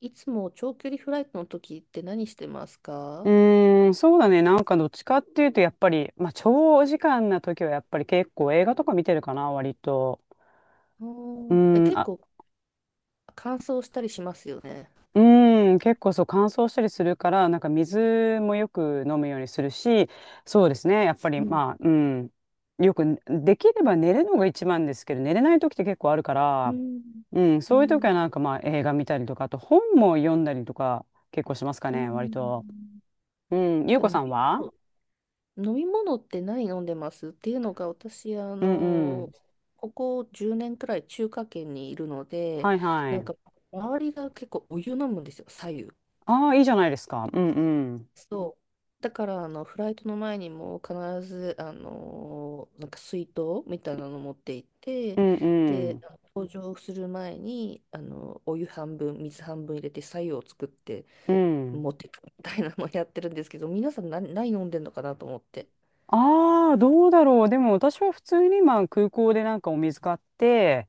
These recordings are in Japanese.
いつも長距離フライトの時って何してますうか？ーん、そうだね。なんかどっちかっていうと、やっぱり、まあ、長時間な時はやっぱり結構映画とか見てるかな、割と。ううん。ーん、結あ、構乾燥したりしますよね。うーん、結構そう乾燥したりするから、なんか水もよく飲むようにするし、そうですね。やっぱり、うん、まあ、うん、よく、できれば寝るのが一番ですけど、寝れない時って結構あるかうら、ん、うん、うそういう時ん、はなんかまあ映画見たりとか、あと本も読んだりとか結構しますかうね、割と。ん。うん、ゆうかこさ飲んみは。物、飲み物って何飲んでますっていうのが私、うんうん。ここ10年くらい中華圏にいるので、はいはなんい。か周りが結構お湯飲むんですよ、左右。ああ、いいじゃないですか。うんうん。そう。だから、フライトの前にも必ず、なんか水筒みたいなの持って行っうて、んうで、ん。搭乗する前に、お湯半分、水半分入れて、白湯を作ってうん。持ってくみたいなのをやってるんですけど、皆さん何飲んでんのかなと思って。ああ、どうだろう。でも私は普通にまあ空港でなんかお水買って、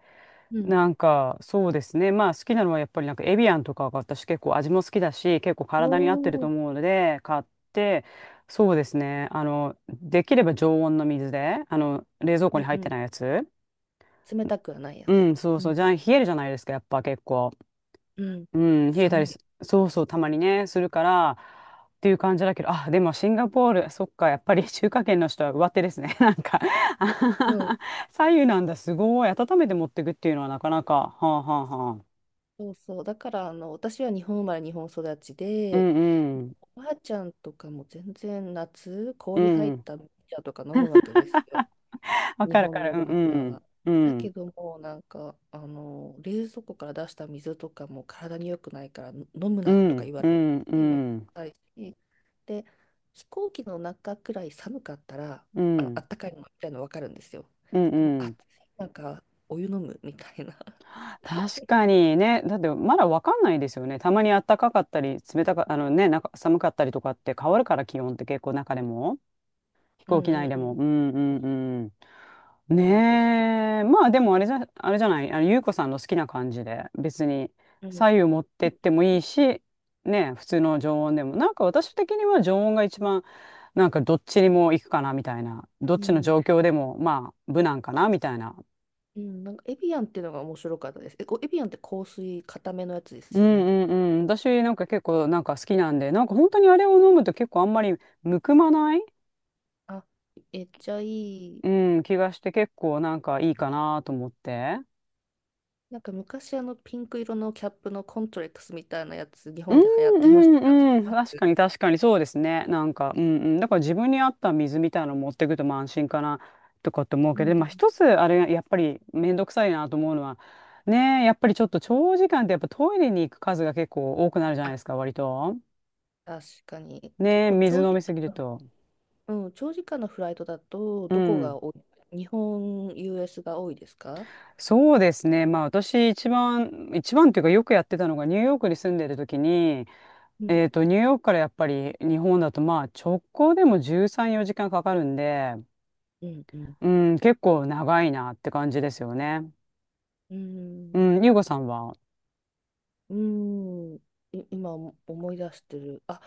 うん。なんかそうですね。まあ好きなのはやっぱりなんかエビアンとかが私結構味も好きだし、結構お体に合ってるとー、思うので、買って、そうですね。あの、できれば常温の水で、あの、冷蔵庫うにん入っうてん。ないやつ。冷たくはないやうつん、ね。そううそう。ん。じゃあ冷えるじゃないですか、やっぱ結構。うん。うん、冷えた寒りす、い。そうそう、たまにね、するから、っていう感じだけど、あ、でもシンガポール、そっか、やっぱり 中華圏の人は上手ですね。なんかあはうはん。は 左右なんだ、すごい。温めて持ってくっていうのはなかなか、はあはあはあ。そうそう。だから、私は日本生まれ、日本育ちうで、んうん、おばあちゃんとかも全然夏、う氷入っん。た麦茶とか飲むわけですよ。わ日かるわか本のおばる、あうちゃんんは。うん、だうけん、ども、なんか、冷蔵庫から出した水とかも体に良くないから飲むうなとかん、言わうれて、ん、うめんどくん、さいし。で、飛行機の中くらい寒かったら、うあん、ったかいのみたいなの分かるんですよ。うでも、暑ん。い、なんか、お湯飲むみたいな。確かにね、だってまだわかんないですよね。たまに暖かかったり、冷たか、あのね、なんか寒かったりとかって変わるから、気温って結構中でも。飛う行ん機う内んでうも。うん。んうんうん。そうなんです。ねえ。まあでもあれじゃ、あれじゃない。あの、ゆうこさんの好きな感じで、別にうん。左右持ってってもいいし、ねえ、普通の常温でも。なんか私的には常温が一番、なんかどっちにも行くかなみたいな。どっうちのん。状況でも、まあ、無難かなみたいな。うん。なんか、エビアンっていうのが面白かったです。え、こうエビアンって香水、固めのやつでうすんよね。うんうん。私なんか結構なんか好きなんで、なんか本当にあれを飲むと結構あんまりむくまない、あ、めっちゃいい。うん、気がして結構なんかいいかなと思って。なんか、昔、ピンク色のキャップのコントレックスみたいなやつ、日うん本で流行ってましたうけど、知ってんうん。ま確す？かに確かにそうですね。なんか、うんうん。だから自分に合った水みたいなの持ってくとまあ安心かなとかって思ううけど、ん。まあ一つあれやっぱりめんどくさいなと思うのは、ねえ、やっぱりちょっと長時間ってやっぱトイレに行く数が結構多くなるじゃないであ、すか、割と。確かに。結ねえ、構、水長飲時みすぎる間、と。うん、長時間のフライトだと、うどこん。が多い日本、US が多いですか？そうですね。まあ私一番、一番っていうかよくやってたのがニューヨークに住んでる時に、うん。ニューヨークからやっぱり日本だとまあ直行でも13、4時間かかるんで、うん、うん。うん、結構長いなって感じですよね。ううん。ん、ゆうごさんは。うーん、今思い出してる。あ、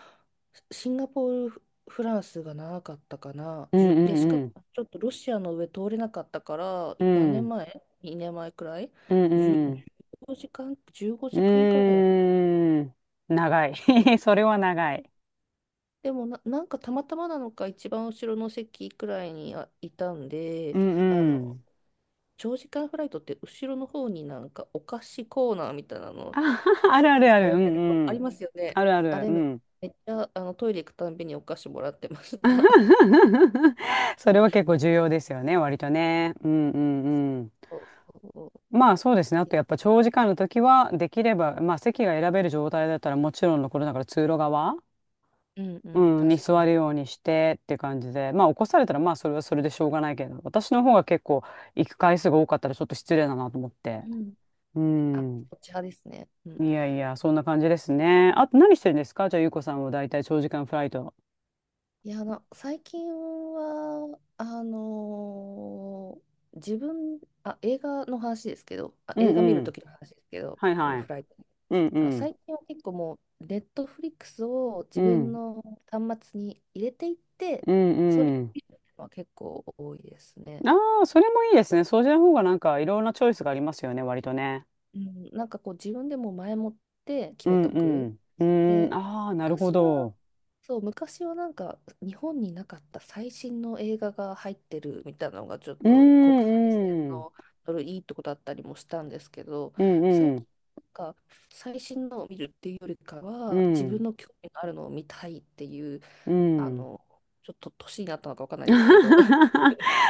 シンガポール、フランスが長かったかな。うんうんで、しかもうん。ちょっとロシアの上通れなかったから、う何年ん。前？ 2 年前くらい？ うん 10、うん。1時間、15う時間くらいやった。ーん。長い。それは長い。でもなんかたまたまなのか一番後ろの席くらいにあいたんで、うんあうの、ん。長時間フライトって後ろの方になんかお菓子コーナーみたいなあ、の あ設るある置あさる。れうてんるとうありん。ますよね。あるあある。れうめ、ん。めっちゃトイレ行くたんびにお菓子もらってました。それは結構重要ですよね、割とね。うんうんうん。そうそう。まあそうですね。あとやっぱ長時間の時は、できれば、まあ席が選べる状態だったらもちろんのことだから通路側。うんうん、うん、に確か座に。るようにしてって感じで、まあ起こされたらまあそれはそれでしょうがないけど、私の方が結構行く回数が多かったらちょっと失礼だなと思っうて。ん。うあ、ん。こっち派ですね。ういん。やいや、そんな感じですね。あと何してるんですかじゃあ、ゆうこさんはだいたい長時間フライト。いや、最近は、あ、映画の話ですけど、あ、う映ん画見うるとん。きの話ですけど、はいはフい。ライト。うんうあ、ん。最近は結構もう、ネットフリックスをう自分ん。の端末に入れていって、うんそれうをん。見るのは結構多いですね。ああ、それもいいですね。そうじゃ方がなんかいろんなチョイスがありますよね、割とね。うん、なんかこう、自分でも前もってう決めんとうく。ん。うーん、で、ああ、なるほ昔は、ど。そう、昔はなんか日本になかった最新の映画が入ってるみたいなのがちょっうーと国際線んうん。のドルいいとこだったりもしたんですけど、うん最う近ん。なんか最新のを見るっていうよりかうは自分ん。の興味のあるのを見たいっていう、うあん。の、ちょっと年になったのかわかんないですけど、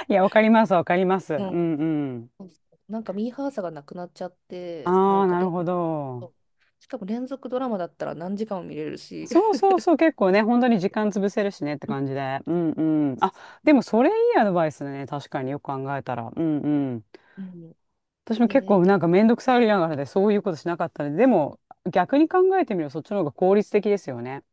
いや、わかります、わかります。うはい。んうん。そうそう なんかミーハーさがなくなっちゃって、なあんあ、かなるほど。続しかも連続ドラマだったら何時間も見れるし、そうそうそう、結構ね、本当に時間潰せるしねってうん、感じで。うんうん。あ、でもそれいいアドバイスだね。確かによく考えたら。うんうん。うん。私も結で、構なんかめんどくさがりながらでそういうことしなかったので、でも逆に考えてみるとそっちの方が効率的ですよね。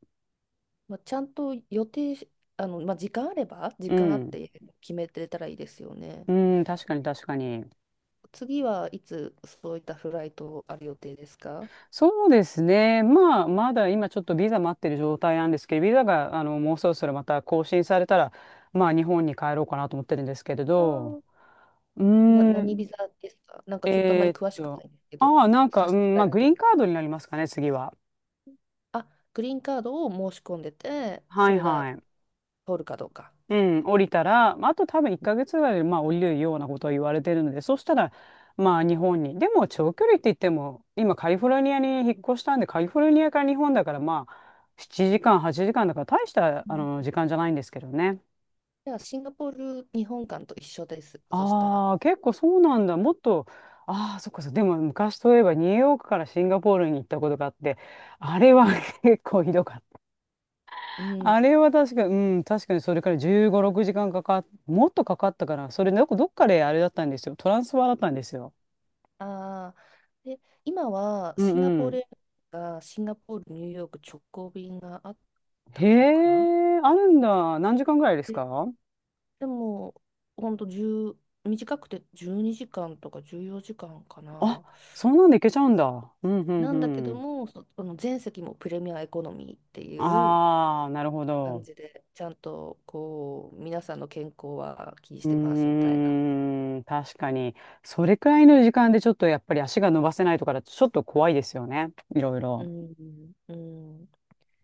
まあ、ちゃんと予定し、まあ、時う間あっん。て決めてたらいいですよね。うん、確かに確かに。次はいつそういったフライトある予定ですか？そうですね。まあ、まだ今ちょっとビザ待ってる状態なんですけど、ビザが、あの、もうそろそろまた更新されたら、まあ、日本に帰ろうかなと思ってるんですけれあど、ー、うー何ん、ビザですか？なんかちょっとあまえりーっ詳しくなと、いんですけど、ああ、なんか、差しう支ん、まえあ、なグリけーれンカば。ードになりますかね、次は。あ、グリーンカードを申し込んでて、はそいれはがい。通るかどうか。うん、降りたら、まあ、あと多分1ヶ月ぐらいで、まあ、降りるようなことを言われてるので、そしたら、まあ、日本に。でも、長距離って言っても、今、カリフォルニアに引っ越したんで、カリフォルニアから日本だから、まあ、7時間、8時間だから、大した、うあん。の、時間じゃないんですけどね。じゃあ、シンガポール日本館と一緒です。そしたら。ああ、結構そうなんだ。もっと、ああ、そっかそっか。でも、昔といえば、ニューヨークからシンガポールに行ったことがあって、あれは うん。結構ひどかっうん。あれは確かに、うん、確かにそれから15、6時間かんかかっ、もっとかかったから、それどこ、なんかどっかであれだったんですよ。トランスファーだったんですよ。ああ。で、今はうんシンガうポーん。ルエアがシンガポール、ニューヨーク直行便があっへたのかな。え、あるんだ。何時間ぐらいですか。で、でも、ほんと1短くて12時間とか14時間かんかあ、な。そんなんでいけちゃうんだ。うんうんなんだけうどん。も、その全席もプレミアエコノミーっていうああ、なるほ感ど。じで、ちゃんとこう、皆さんの健康は気にしうてますみたーいな。ん、確かに。それくらいの時間でちょっとやっぱり足が伸ばせないとかだとちょっと怖いですよね。いろいうろ。ん。うん。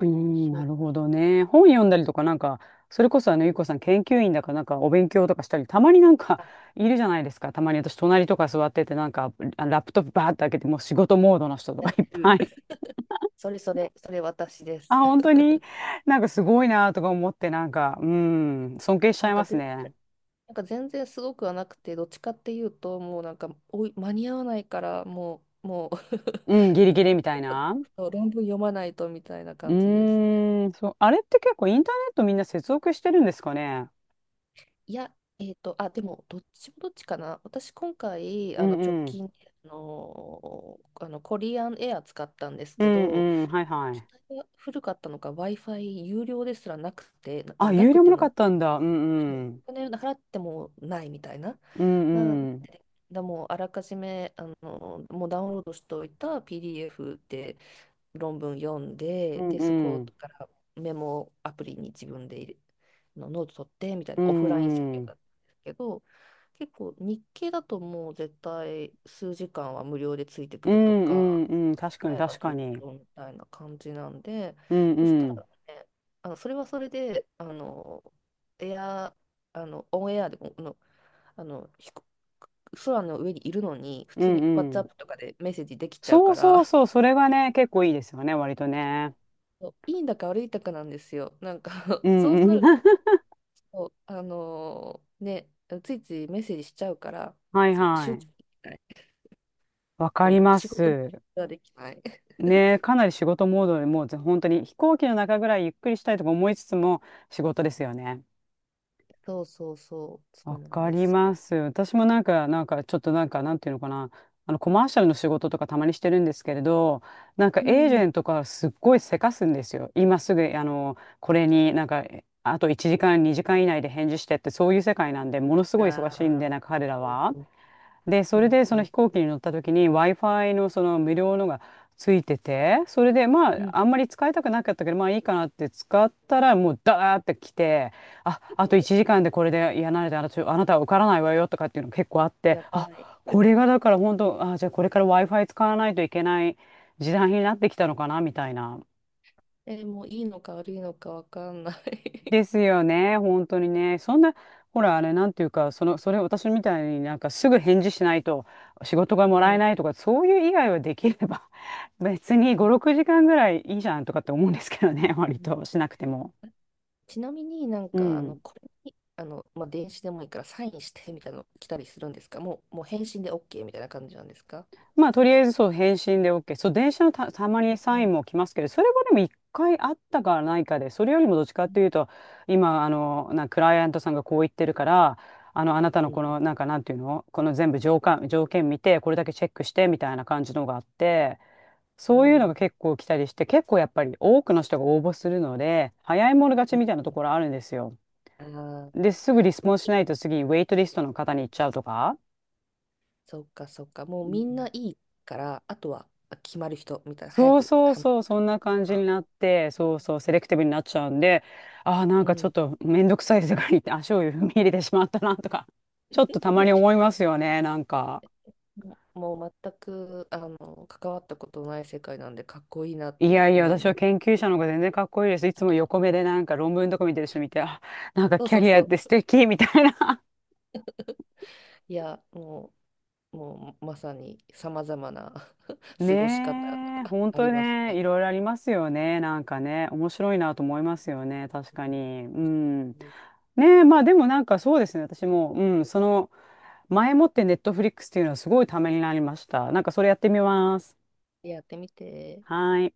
うーん、そなう。るほどね。本読んだりとか、なんか、それこそあの、ゆうこさん研究員だから、なんかお勉強とかしたり、たまになんか、あ、 いるじゃないですか。たまに私、隣とか座ってて、なんか、あラップトップバーって開けて、もう仕事モードの人とやかっいってぱる。い。それそれ、それ私で あ、す。本当 になんかすごいなとか思って、なんか、うん、尊敬しちなゃんいかますぜ、ね。なんか全然すごくはなくて、どっちかっていうと、もうなんか、おい、間に合わないから、もう、もう うん、ギリ ギリみたいな。そう論文読まないとみたいなう感じです。ーん、そう、あれって結構インターネットみんな接続してるんですかね。いや、あ、でも、どっちもどっちかな。私、今回、うん直うん。近で、コリアンエア使ったんですうけんど、うん、はいは機い。体が古かったのか、Wi-Fi 有料ですらなくて、あ、な有く料もてなかも、ったんだ。うそんううん。お金払ってもないみたいな。うなんうん。だもうあらかじめもうダウンロードしておいた PDF で論文読んうで、んで、そこうん。からメモアプリに自分で入れのノート取ってみたいなうオフライン作ん業うだん。ったんですけど、結構日経だともう絶対数時間は無料でついてくうるとか、んうんうん。確かに払えば確ずかっに。とみたいな感じなんで、うんそしうたん。らね、それはそれで、エア、オンエアでも、あの、飛行空の上にいるのに、普う通んに うん。WhatsApp とかでメッセージできちゃうそかうそうら、そう。それがね、結構いいですよね、割とね。そういいんだか悪いんだかなんですよ。なんか う そんうなうん。る と、ね、ついついメッセージしちゃうから、はいそう、は集い。中できない。わかりそう、ま仕事す。ができない。ね、かなり仕事モードでもうぜ本当に飛行機の中ぐらいゆっくりしたいとか思いつつも仕事ですよね。そうそうそう、そわうなんかでりすまよ。す。私もなんか、なんか、ちょっとなんか、なんていうのかな。コマーシャルの仕事とかたまにしてるんですけれど、なんかうエージん。ェントからすっごいせかすんですよ。今すぐ、これにあと1時間、2時間以内で返事してって、そういう世界なんで、ものすごい忙しいんあで、あ、なんか彼らそうは。そう。で、うそれんでそうのん。飛行機に乗った時に Wi-Fi のその無料のがついてて、それでまうん。ああんまり使いたくなかったけど、まあいいかなって使ったらもうダーって来て、あ、あと1時間でこれで、いや、慣れてあなた、あなたは受からないわよとかっていうの結構あって、やあ、ばい。これがだから本当、あ、じゃあこれから Wi-Fi 使わないといけない時代になってきたのかなみたいな。もういいのか悪いのかわかんなでい。 すよね、本当にね。そんな、ほら、あれ、なんていうか、その、それ、私みたいになんかすぐ返事しないと仕事が もうらえん。ないとか、そういう以外はできれば、別にう5、ん。6時間ぐらいいいじゃんとかって思うんですけどね、割としなくても。ちなみになんうか、ん。これに、まあ、電子でもいいからサインしてみたいなの来たりするんですか？もう返信で OK みたいな感じなんですか？まあ、とりあえずそう、返信で OK。そう、電車のたまにうサインんも来ますけど、それはでも一回あったかないかで、それよりもどっちかっていうと、今、クライアントさんがこう言ってるから、あなたうのんこの、なんか、なんていうのこの全部条件、条件見て、これだけチェックして、みたいな感じのがあって、うそういうのがん結構来たりして、結構やっぱり多くの人が応募するので、早い者勝ちうん。みたいなところあるんですよ。ああー、で、すぐリスもポうンスいいしないよ。と次、ウェイトリストの方に行っちゃうとか。そうかそうか。もうみんないいから、あとはあ決まる人みたいな、早そうくそう判断そう、すそるんな感かじにら。なって、そうそう、セレクティブになっちゃうんで、ああ、なんうかちょっん。とめんどくさい世界に足を踏み入れてしまったなとか、ちょっとたまに思いますよね、なんか。もうもう全く関わったことない世界なんでかっこいいなっいてやいや、思い私はます。研究者の方が全然かっこいいです。いつも横目でなんか論文とか見てる人見て、あ、なんかそうキャそうリアそって素う。敵みたいな。いや、もうまさにさまざまな 過ごし方がねえ、本あり当ますね、ね。いろいろありますよね。なんかね、面白いなと思いますよね。確かに。う ん。ねえ、まあでもなんかそうですね。私も、うん、その、前もってネットフリックスっていうのはすごいためになりました。なんかそれやってみます。やってみて。はい。